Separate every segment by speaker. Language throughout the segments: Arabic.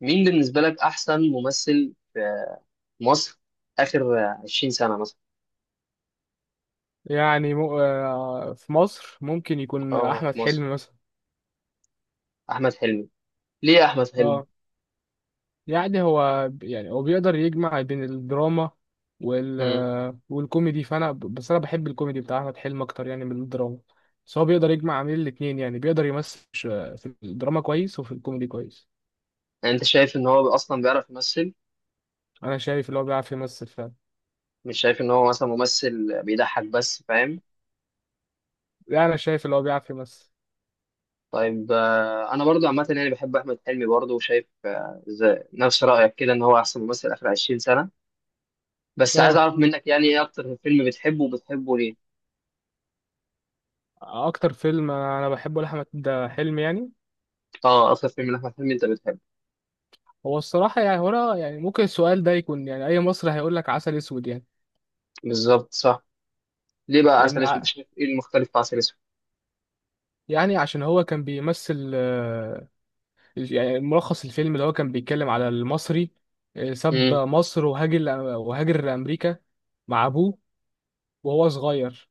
Speaker 1: مين بالنسبة لك أحسن ممثل في مصر آخر 20 سنة مثلا؟
Speaker 2: يعني مو... آه، في مصر ممكن يكون
Speaker 1: اه،
Speaker 2: احمد
Speaker 1: في مصر
Speaker 2: حلمي مثلا.
Speaker 1: أحمد حلمي. ليه أحمد حلمي؟
Speaker 2: اه، يعني هو بيقدر يجمع بين الدراما وال
Speaker 1: امم
Speaker 2: آه، والكوميدي، بس انا بحب الكوميدي بتاع احمد حلمي اكتر يعني من الدراما. بس هو بيقدر يجمع بين الاتنين، يعني بيقدر يمثل في الدراما كويس وفي الكوميدي كويس.
Speaker 1: يعني أنت شايف إن هو أصلا بيعرف يمثل؟
Speaker 2: انا شايف اللي هو بيعرف يمثل فعلا.
Speaker 1: مش شايف إن هو مثلا ممثل بيضحك بس، فاهم؟
Speaker 2: يعني انا شايف اللي هو بيعرف يمثل.
Speaker 1: طيب، أنا برضو عامة يعني بحب أحمد حلمي برضو، وشايف نفس رأيك كده إن هو أحسن ممثل آخر 20 سنة. بس عايز
Speaker 2: اه،
Speaker 1: أعرف منك يعني إيه أكتر فيلم بتحبه وبتحبه ليه؟
Speaker 2: اكتر فيلم انا بحبه لاحمد حلمي يعني،
Speaker 1: أه، أكتر فيلم لأحمد حلمي أنت بتحبه.
Speaker 2: هو الصراحة يعني هنا يعني ممكن السؤال ده يكون، يعني أي مصري هيقول لك عسل أسود يعني.
Speaker 1: بالظبط، صح. ليه بقى
Speaker 2: لان
Speaker 1: عسل أسود؟
Speaker 2: ع-
Speaker 1: شايف إيه المختلف في عسل
Speaker 2: يعني عشان هو كان بيمثل يعني ملخص الفيلم اللي هو كان بيتكلم على المصري ساب
Speaker 1: أسود؟
Speaker 2: مصر وهاجر لأمريكا مع أبوه وهو صغير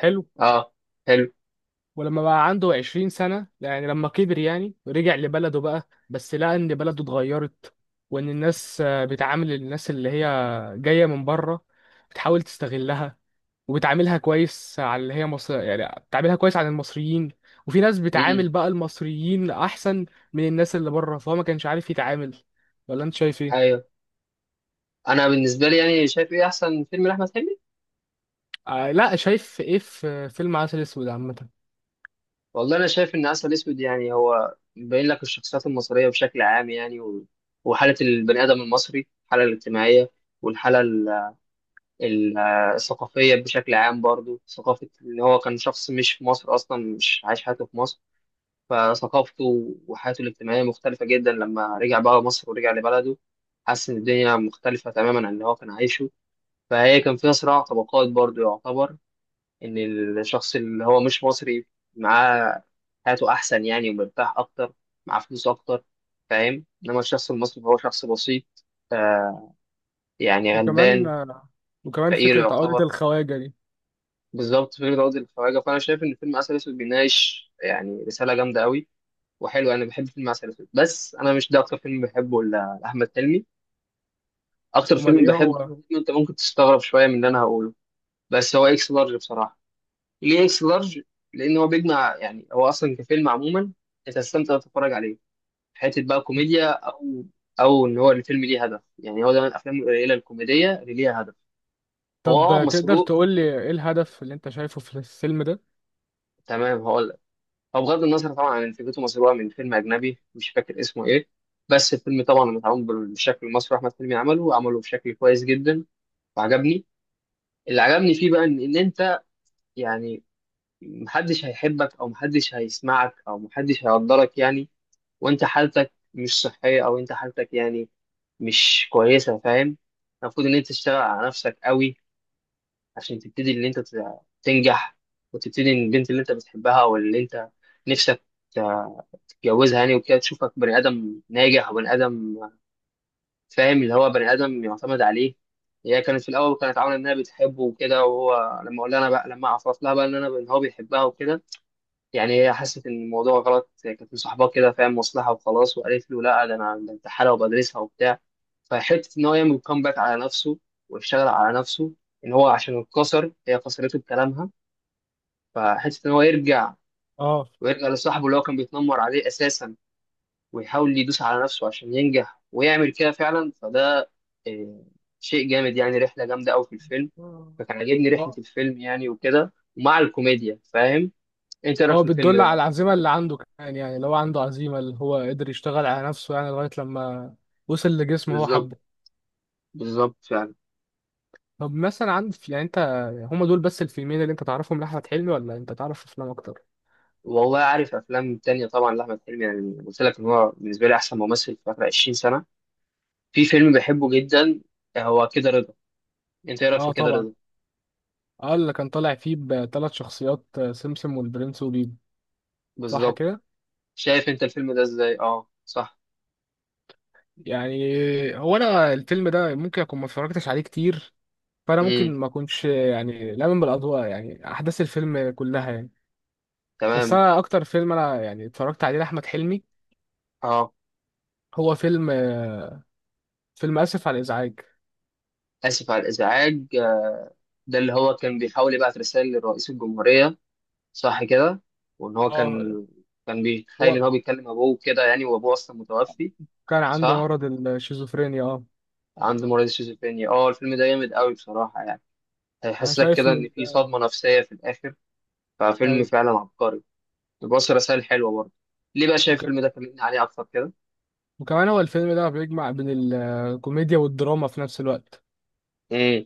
Speaker 2: حلو.
Speaker 1: اه، حلو.
Speaker 2: ولما بقى عنده 20 سنة، يعني لما كبر يعني، رجع لبلده بقى، بس لقى إن بلده اتغيرت، وإن الناس بتعامل الناس اللي هي جاية من بره، بتحاول تستغلها وبتعاملها كويس على اللي هي مصر، يعني بتعاملها كويس على المصريين. وفي ناس
Speaker 1: امم.
Speaker 2: بتعامل بقى المصريين احسن من الناس اللي بره، فهو ما كانش عارف يتعامل. ولا انت شايف ايه؟
Speaker 1: ايوه، انا بالنسبه لي يعني شايف ايه احسن فيلم لاحمد حلمي؟
Speaker 2: آه لا، شايف ايه في فيلم عسل اسود عامه؟
Speaker 1: والله انا شايف ان عسل اسود يعني هو بيبين لك الشخصيات المصريه بشكل عام يعني وحاله البني ادم المصري، الحاله الاجتماعيه والحاله ال... ال- الثقافيه بشكل عام، برضو ثقافه ان هو كان شخص مش في مصر اصلا، مش عايش حياته في مصر، فثقافته وحياته الاجتماعيه مختلفه جدا لما رجع بقى مصر ورجع لبلده. حس ان الدنيا مختلفه تماما عن اللي هو كان عايشه، فهي كان فيها صراع طبقات برضو، يعتبر إن الشخص اللي هو مش مصري معاه حياته أحسن يعني، ومرتاح أكتر، معاه فلوس أكتر، فاهم؟ إنما الشخص المصري هو شخص بسيط يعني،
Speaker 2: وكمان
Speaker 1: غلبان،
Speaker 2: وكمان
Speaker 1: فقير
Speaker 2: فكره عقده
Speaker 1: يعتبر.
Speaker 2: الخواجه دي.
Speaker 1: بالظبط، فكرة عقد الخواجة. فأنا شايف إن فيلم عسل أسود بيناقش يعني رسالة جامدة أوي، وحلو. أنا بحب فيلم عسل أسود، بس أنا مش ده أكتر فيلم بحبه لأحمد حلمي. أكتر
Speaker 2: امال
Speaker 1: فيلم
Speaker 2: ايه
Speaker 1: بحبه لأحمد
Speaker 2: هو؟
Speaker 1: حلمي أنت ممكن تستغرب شوية من اللي أنا هقوله، بس هو إكس لارج بصراحة. ليه اكس لارج؟ لان هو بيجمع، يعني هو اصلا كفيلم عموما انت هتستمتع وأنت تتفرج عليه، حته بقى كوميديا او او ان هو الفيلم ليه هدف. يعني هو ده من الافلام القليله الكوميديه اللي ليها هدف. هو
Speaker 2: طب
Speaker 1: اه
Speaker 2: تقدر
Speaker 1: مسروق.
Speaker 2: تقول لي ايه الهدف اللي انت شايفه في الفيلم ده؟
Speaker 1: تمام، هقول لك. هو بغض النظر طبعا عن إن فكرته مسروقه من فيلم اجنبي مش فاكر اسمه ايه، بس الفيلم طبعا متعامل بالشكل المصري، احمد حلمي عمله عمله بشكل كويس جدا وعجبني. اللي عجبني فيه بقى ان انت يعني محدش هيحبك او محدش هيسمعك او محدش هيقدرك يعني، وانت حالتك مش صحية او انت حالتك يعني مش كويسة، فاهم؟ المفروض ان انت تشتغل على نفسك قوي عشان تبتدي ان انت تنجح، وتبتدي ان البنت اللي انت بتحبها او اللي انت نفسك تتجوزها يعني وكده تشوفك بني ادم ناجح وبني ادم، فاهم؟ اللي هو بني ادم يعتمد عليه. هي كانت في الاول كانت عامله انها بتحبه وكده، وهو لما اقول لها انا بقى لما اعرف لها بقى ان انا ان هو بيحبها وكده، يعني هي حست ان الموضوع غلط، هي كانت مصاحباه كده، فاهم، مصلحه وخلاص، وقالت له لا، ده انا ده انت حاله، وبدرسها وبتاع. فحته ان هو يعمل كومباك على نفسه ويشتغل على نفسه، ان هو عشان اتكسر، هي كسرته بكلامها، فحته ان هو يرجع
Speaker 2: اه.
Speaker 1: ويرجع لصاحبه اللي هو كان بيتنمر عليه اساسا، ويحاول يدوس على نفسه عشان ينجح، ويعمل كده فعلا. فده آه، شيء جامد يعني، رحله جامده قوي في الفيلم. فكان عاجبني رحله
Speaker 2: اه،
Speaker 1: الفيلم يعني وكده، ومع الكوميديا، فاهم؟ انت إيه رايك في
Speaker 2: هو
Speaker 1: الفيلم
Speaker 2: بتدل
Speaker 1: ده
Speaker 2: على
Speaker 1: بقى؟
Speaker 2: العزيمه اللي عنده كمان، يعني لو عنده عزيمه اللي هو قدر يشتغل على نفسه يعني لغايه لما وصل لجسم هو
Speaker 1: بالظبط،
Speaker 2: حبه.
Speaker 1: بالظبط فعلا.
Speaker 2: طب مثلا عندك يعني انت، هما دول بس الفيلمين اللي انت تعرفهم لاحمد حلمي، ولا انت تعرف افلام اكتر؟
Speaker 1: والله عارف افلام تانية طبعا لاحمد حلمي، يعني قلت لك ان هو بالنسبه لي احسن ممثل في اخر 20 سنه. في فيلم بحبه جدا، هو كده رضا. انت ايه رايك في
Speaker 2: اه
Speaker 1: كده
Speaker 2: طبعا،
Speaker 1: رضا؟
Speaker 2: اه اللي كان طالع فيه بثلاث شخصيات، سمسم والبرنس وبيبو. صح
Speaker 1: بالظبط.
Speaker 2: كده؟
Speaker 1: شايف انت الفيلم ده ازاي؟ اه، صح.
Speaker 2: يعني هو، انا الفيلم ده ممكن اكون ما اتفرجتش عليه كتير، فانا ممكن
Speaker 1: امم.
Speaker 2: ما اكونش يعني لامن بالاضواء يعني احداث الفيلم كلها يعني. بس
Speaker 1: تمام.
Speaker 2: انا اكتر فيلم انا يعني اتفرجت عليه لاحمد حلمي
Speaker 1: اه،
Speaker 2: هو فيلم فيلم اسف على الازعاج.
Speaker 1: اسف على الازعاج. ده اللي هو كان بيحاول يبعت رساله لرئيس الجمهوريه، صح كده؟ وان هو
Speaker 2: اه،
Speaker 1: كان كان بيتخيل
Speaker 2: هو
Speaker 1: ان هو بيكلم ابوه كده يعني، وابوه اصلا متوفي.
Speaker 2: كان عنده
Speaker 1: صح،
Speaker 2: مرض الشيزوفرينيا، اه.
Speaker 1: عنده مرض الشيزوفرينيا. اه، الفيلم ده جامد قوي بصراحه يعني.
Speaker 2: انا
Speaker 1: هيحسسك
Speaker 2: شايف
Speaker 1: كده
Speaker 2: من،
Speaker 1: إن في صدمة نفسية في الآخر. ففيلم
Speaker 2: ايوه.
Speaker 1: فعلا عبقري، بيوصل رسائل حلوة برضه. ليه بقى شايف الفيلم ده؟ كلمني عليه أكتر كده.
Speaker 2: وكمان هو الفيلم ده بيجمع بين الكوميديا والدراما في نفس الوقت.
Speaker 1: امم،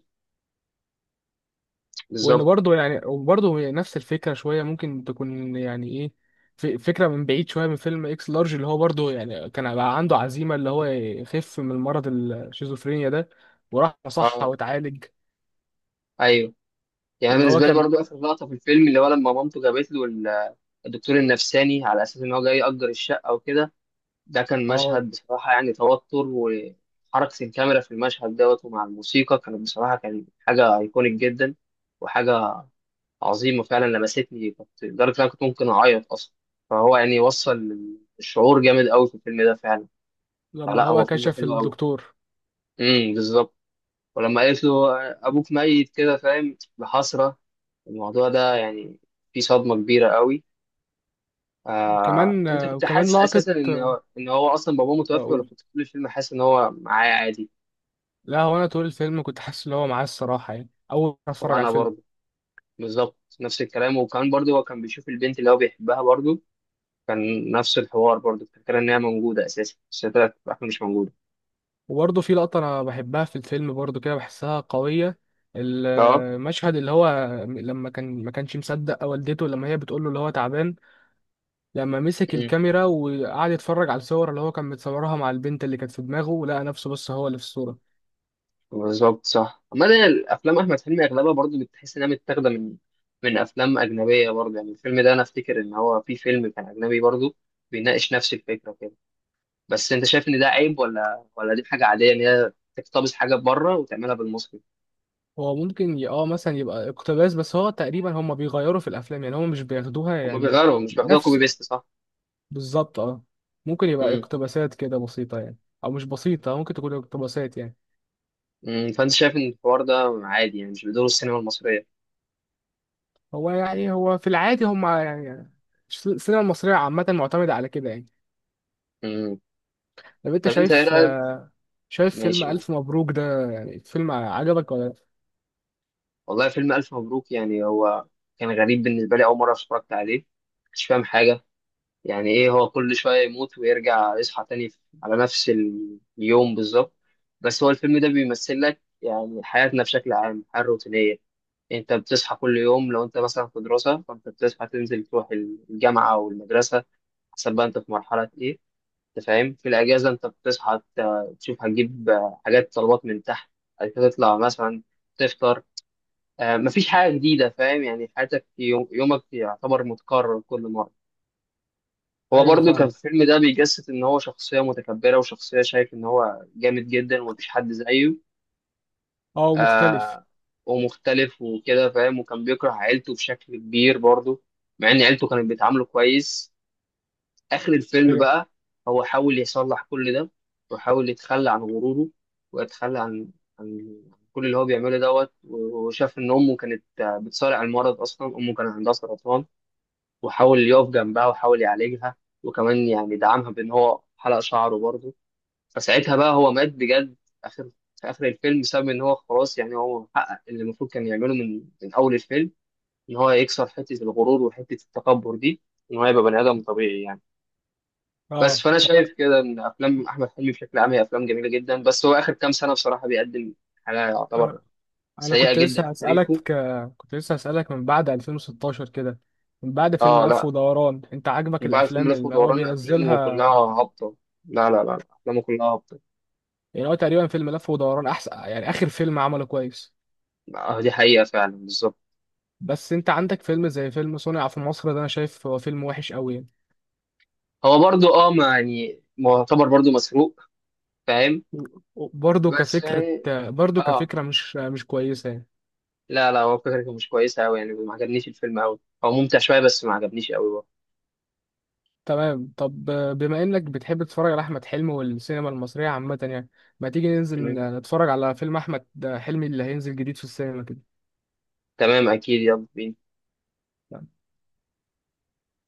Speaker 2: وان
Speaker 1: بالظبط.
Speaker 2: برضه، يعني وبرضه هي نفس الفكره شويه ممكن تكون يعني ايه، فكره من بعيد شويه من فيلم اكس لارج، اللي هو برضه يعني كان بقى عنده عزيمه اللي هو يخف من مرض الشيزوفرينيا ده، وراح صح
Speaker 1: اه.
Speaker 2: واتعالج.
Speaker 1: ايوه. يعني
Speaker 2: ان هو
Speaker 1: بالنسبه لي
Speaker 2: كان،
Speaker 1: برضو، اخر لقطه في الفيلم اللي هو لما مامته جابت له الدكتور النفساني على اساس ان هو جاي يأجر الشقه وكده، ده كان
Speaker 2: اه.
Speaker 1: مشهد بصراحه، يعني توتر وحركه الكاميرا في المشهد دوت، ومع الموسيقى، كانت بصراحه كان حاجه ايكونيك جدا، وحاجه عظيمة فعلا. لمستني، كنت لدرجة إن أنا كنت ممكن أعيط أصلا. فهو يعني وصل الشعور جامد أوي في الفيلم ده فعلا.
Speaker 2: لما
Speaker 1: فلا،
Speaker 2: هو
Speaker 1: هو فيلم
Speaker 2: كشف
Speaker 1: حلو أوي.
Speaker 2: الدكتور.
Speaker 1: امم، بالظبط. ولما قالت له أبوك ميت كده، فاهم، بحسرة، الموضوع ده يعني فيه صدمة كبيرة أوي.
Speaker 2: كمان
Speaker 1: أنت كنت
Speaker 2: وكمان
Speaker 1: حاسس
Speaker 2: لقطه
Speaker 1: أساسا إن هو إن هو أصلا باباه متوفي، ولا
Speaker 2: اقول،
Speaker 1: كنت طول الفيلم حاسس إن هو معاه عادي؟
Speaker 2: لا هو انا طول الفيلم كنت حاسس ان هو معاه الصراحه، يعني اول ما اتفرج على
Speaker 1: وأنا
Speaker 2: الفيلم.
Speaker 1: برضه بالظبط نفس الكلام. وكمان برضه هو كان بيشوف البنت اللي هو بيحبها برضه، كان نفس الحوار برضه، الفكرة إن هي موجودة أساسا، بس هي طلعت في الآخر مش موجودة.
Speaker 2: وبرضه في لقطة أنا بحبها في الفيلم برضه، كده بحسها قوية،
Speaker 1: اه.
Speaker 2: المشهد اللي هو لما كان ما كانش مصدق والدته لما هي بتقول له اللي هو تعبان، لما مسك
Speaker 1: مم.
Speaker 2: الكاميرا وقعد يتفرج على الصور اللي هو كان متصورها مع البنت اللي كانت في دماغه، ولقى نفسه بس هو اللي في الصورة.
Speaker 1: بالظبط، صح. أما ده الأفلام أحمد حلمي أغلبها برضه بتحس إنها متاخدة من من أفلام أجنبية برضه، يعني الفيلم ده أنا أفتكر إن هو في فيلم كان أجنبي برضه بيناقش نفس الفكرة كده. بس أنت شايف إن ده عيب ولا دي حاجة عادية إن هي تقتبس حاجة بره وتعملها بالمصري؟
Speaker 2: هو ممكن اه مثلا يبقى اقتباس، بس هو تقريبا هما بيغيروا في الأفلام، يعني هما مش بياخدوها
Speaker 1: هما
Speaker 2: يعني
Speaker 1: بيغيروا، مش بياخدوها كوبي
Speaker 2: نفس.
Speaker 1: بيست، صح؟
Speaker 2: بالظبط اه. ممكن يبقى
Speaker 1: مم.
Speaker 2: اقتباسات كده بسيطة يعني، أو مش بسيطة، ممكن تكون اقتباسات يعني.
Speaker 1: مم. فأنت شايف إن الحوار ده عادي يعني، مش بدور السينما المصرية؟
Speaker 2: هو يعني، هو في العادي هم يعني، السينما المصرية عامة معتمدة على كده يعني.
Speaker 1: مم.
Speaker 2: طب انت
Speaker 1: طب أنت إيه
Speaker 2: شايف
Speaker 1: رأيك؟
Speaker 2: شايف فيلم
Speaker 1: ماشي، قول.
Speaker 2: ألف مبروك ده، يعني فيلم عجبك ولا لأ؟
Speaker 1: والله فيلم ألف مبروك يعني هو كان غريب بالنسبة لي أول مرة اتفرجت عليه، مش فاهم حاجة، يعني إيه هو كل شوية يموت ويرجع يصحى تاني على نفس اليوم بالظبط. بس هو الفيلم ده بيمثل لك يعني حياتنا بشكل عام، الحياة الروتينية. أنت بتصحى كل يوم، لو أنت مثلا في دراسة فأنت بتصحى تنزل تروح الجامعة أو المدرسة، حسب بقى أنت في مرحلة إيه، أنت فاهم. في الأجازة أنت بتصحى تشوف هتجيب حاجات طلبات من تحت، بعد كده تطلع مثلا تفطر، مفيش حاجة جديدة، فاهم، يعني حياتك يوم يومك يعتبر متكرر كل مرة. هو
Speaker 2: أيوه
Speaker 1: برضه كان
Speaker 2: فاهم،
Speaker 1: في الفيلم ده بيجسد إن هو شخصية متكبرة، وشخصية شايف إن هو جامد جدا ومفيش حد زيه.
Speaker 2: اه مختلف.
Speaker 1: آه، ومختلف وكده، فاهم، وكان بيكره عيلته بشكل كبير برضه، مع إن عيلته كانت بيتعاملوا كويس. اخر الفيلم
Speaker 2: أيوه
Speaker 1: بقى هو حاول يصلح كل ده، وحاول يتخلى عن غروره ويتخلى عن عن كل اللي هو بيعمله دوت، وشاف ان امه كانت بتصارع المرض، اصلا امه كان عندها سرطان، وحاول يقف جنبها وحاول يعالجها، وكمان يعني دعمها بان هو حلق شعره برضه. فساعتها بقى هو مات بجد في اخر في اخر الفيلم، بسبب ان هو خلاص يعني هو حقق اللي المفروض كان يعمله من من اول الفيلم، ان هو يكسر حته الغرور وحته التكبر دي، ان هو يبقى بني ادم طبيعي يعني. بس
Speaker 2: اه.
Speaker 1: فانا
Speaker 2: طب أنا،
Speaker 1: شايف كده ان افلام احمد حلمي بشكل عام هي افلام جميله جدا، بس هو اخر كام سنه بصراحه بيقدم حاجه يعتبر
Speaker 2: أنا أنا
Speaker 1: سيئه
Speaker 2: كنت لسه
Speaker 1: جدا في تاريخه.
Speaker 2: هسألك كنت لسه هسألك من بعد 2016 كده، من بعد فيلم
Speaker 1: اه
Speaker 2: لف
Speaker 1: لا،
Speaker 2: ودوران انت عاجبك
Speaker 1: من بعد فيلم
Speaker 2: الأفلام
Speaker 1: لف
Speaker 2: اللي هو
Speaker 1: ودوران افلامه كلها
Speaker 2: بينزلها؟
Speaker 1: هابطه. لا، افلامه كلها هابطه.
Speaker 2: يعني هو تقريبا فيلم لف ودوران أحسن يعني آخر فيلم عمله كويس.
Speaker 1: آه، دي حقيقه فعلا، بالظبط.
Speaker 2: بس انت عندك فيلم زي فيلم صنع في مصر ده، انا شايف هو فيلم وحش قوي.
Speaker 1: هو برضو اه ما يعني معتبر برضو مسروق، فاهم،
Speaker 2: برضه
Speaker 1: بس
Speaker 2: كفكرة،
Speaker 1: يعني
Speaker 2: برضه
Speaker 1: اه
Speaker 2: كفكرة مش كويسة يعني.
Speaker 1: لا لا، هو فكرته مش كويسه قوي يعني، ما عجبنيش الفيلم قوي، هو ممتع شويه بس ما عجبنيش قوي.
Speaker 2: تمام، طب بما إنك بتحب تتفرج على أحمد حلمي والسينما المصرية عامة يعني، ما تيجي ننزل
Speaker 1: تمام.
Speaker 2: نتفرج على فيلم أحمد حلمي اللي هينزل جديد في السينما كده؟
Speaker 1: تمام، اكيد، يلا بينا.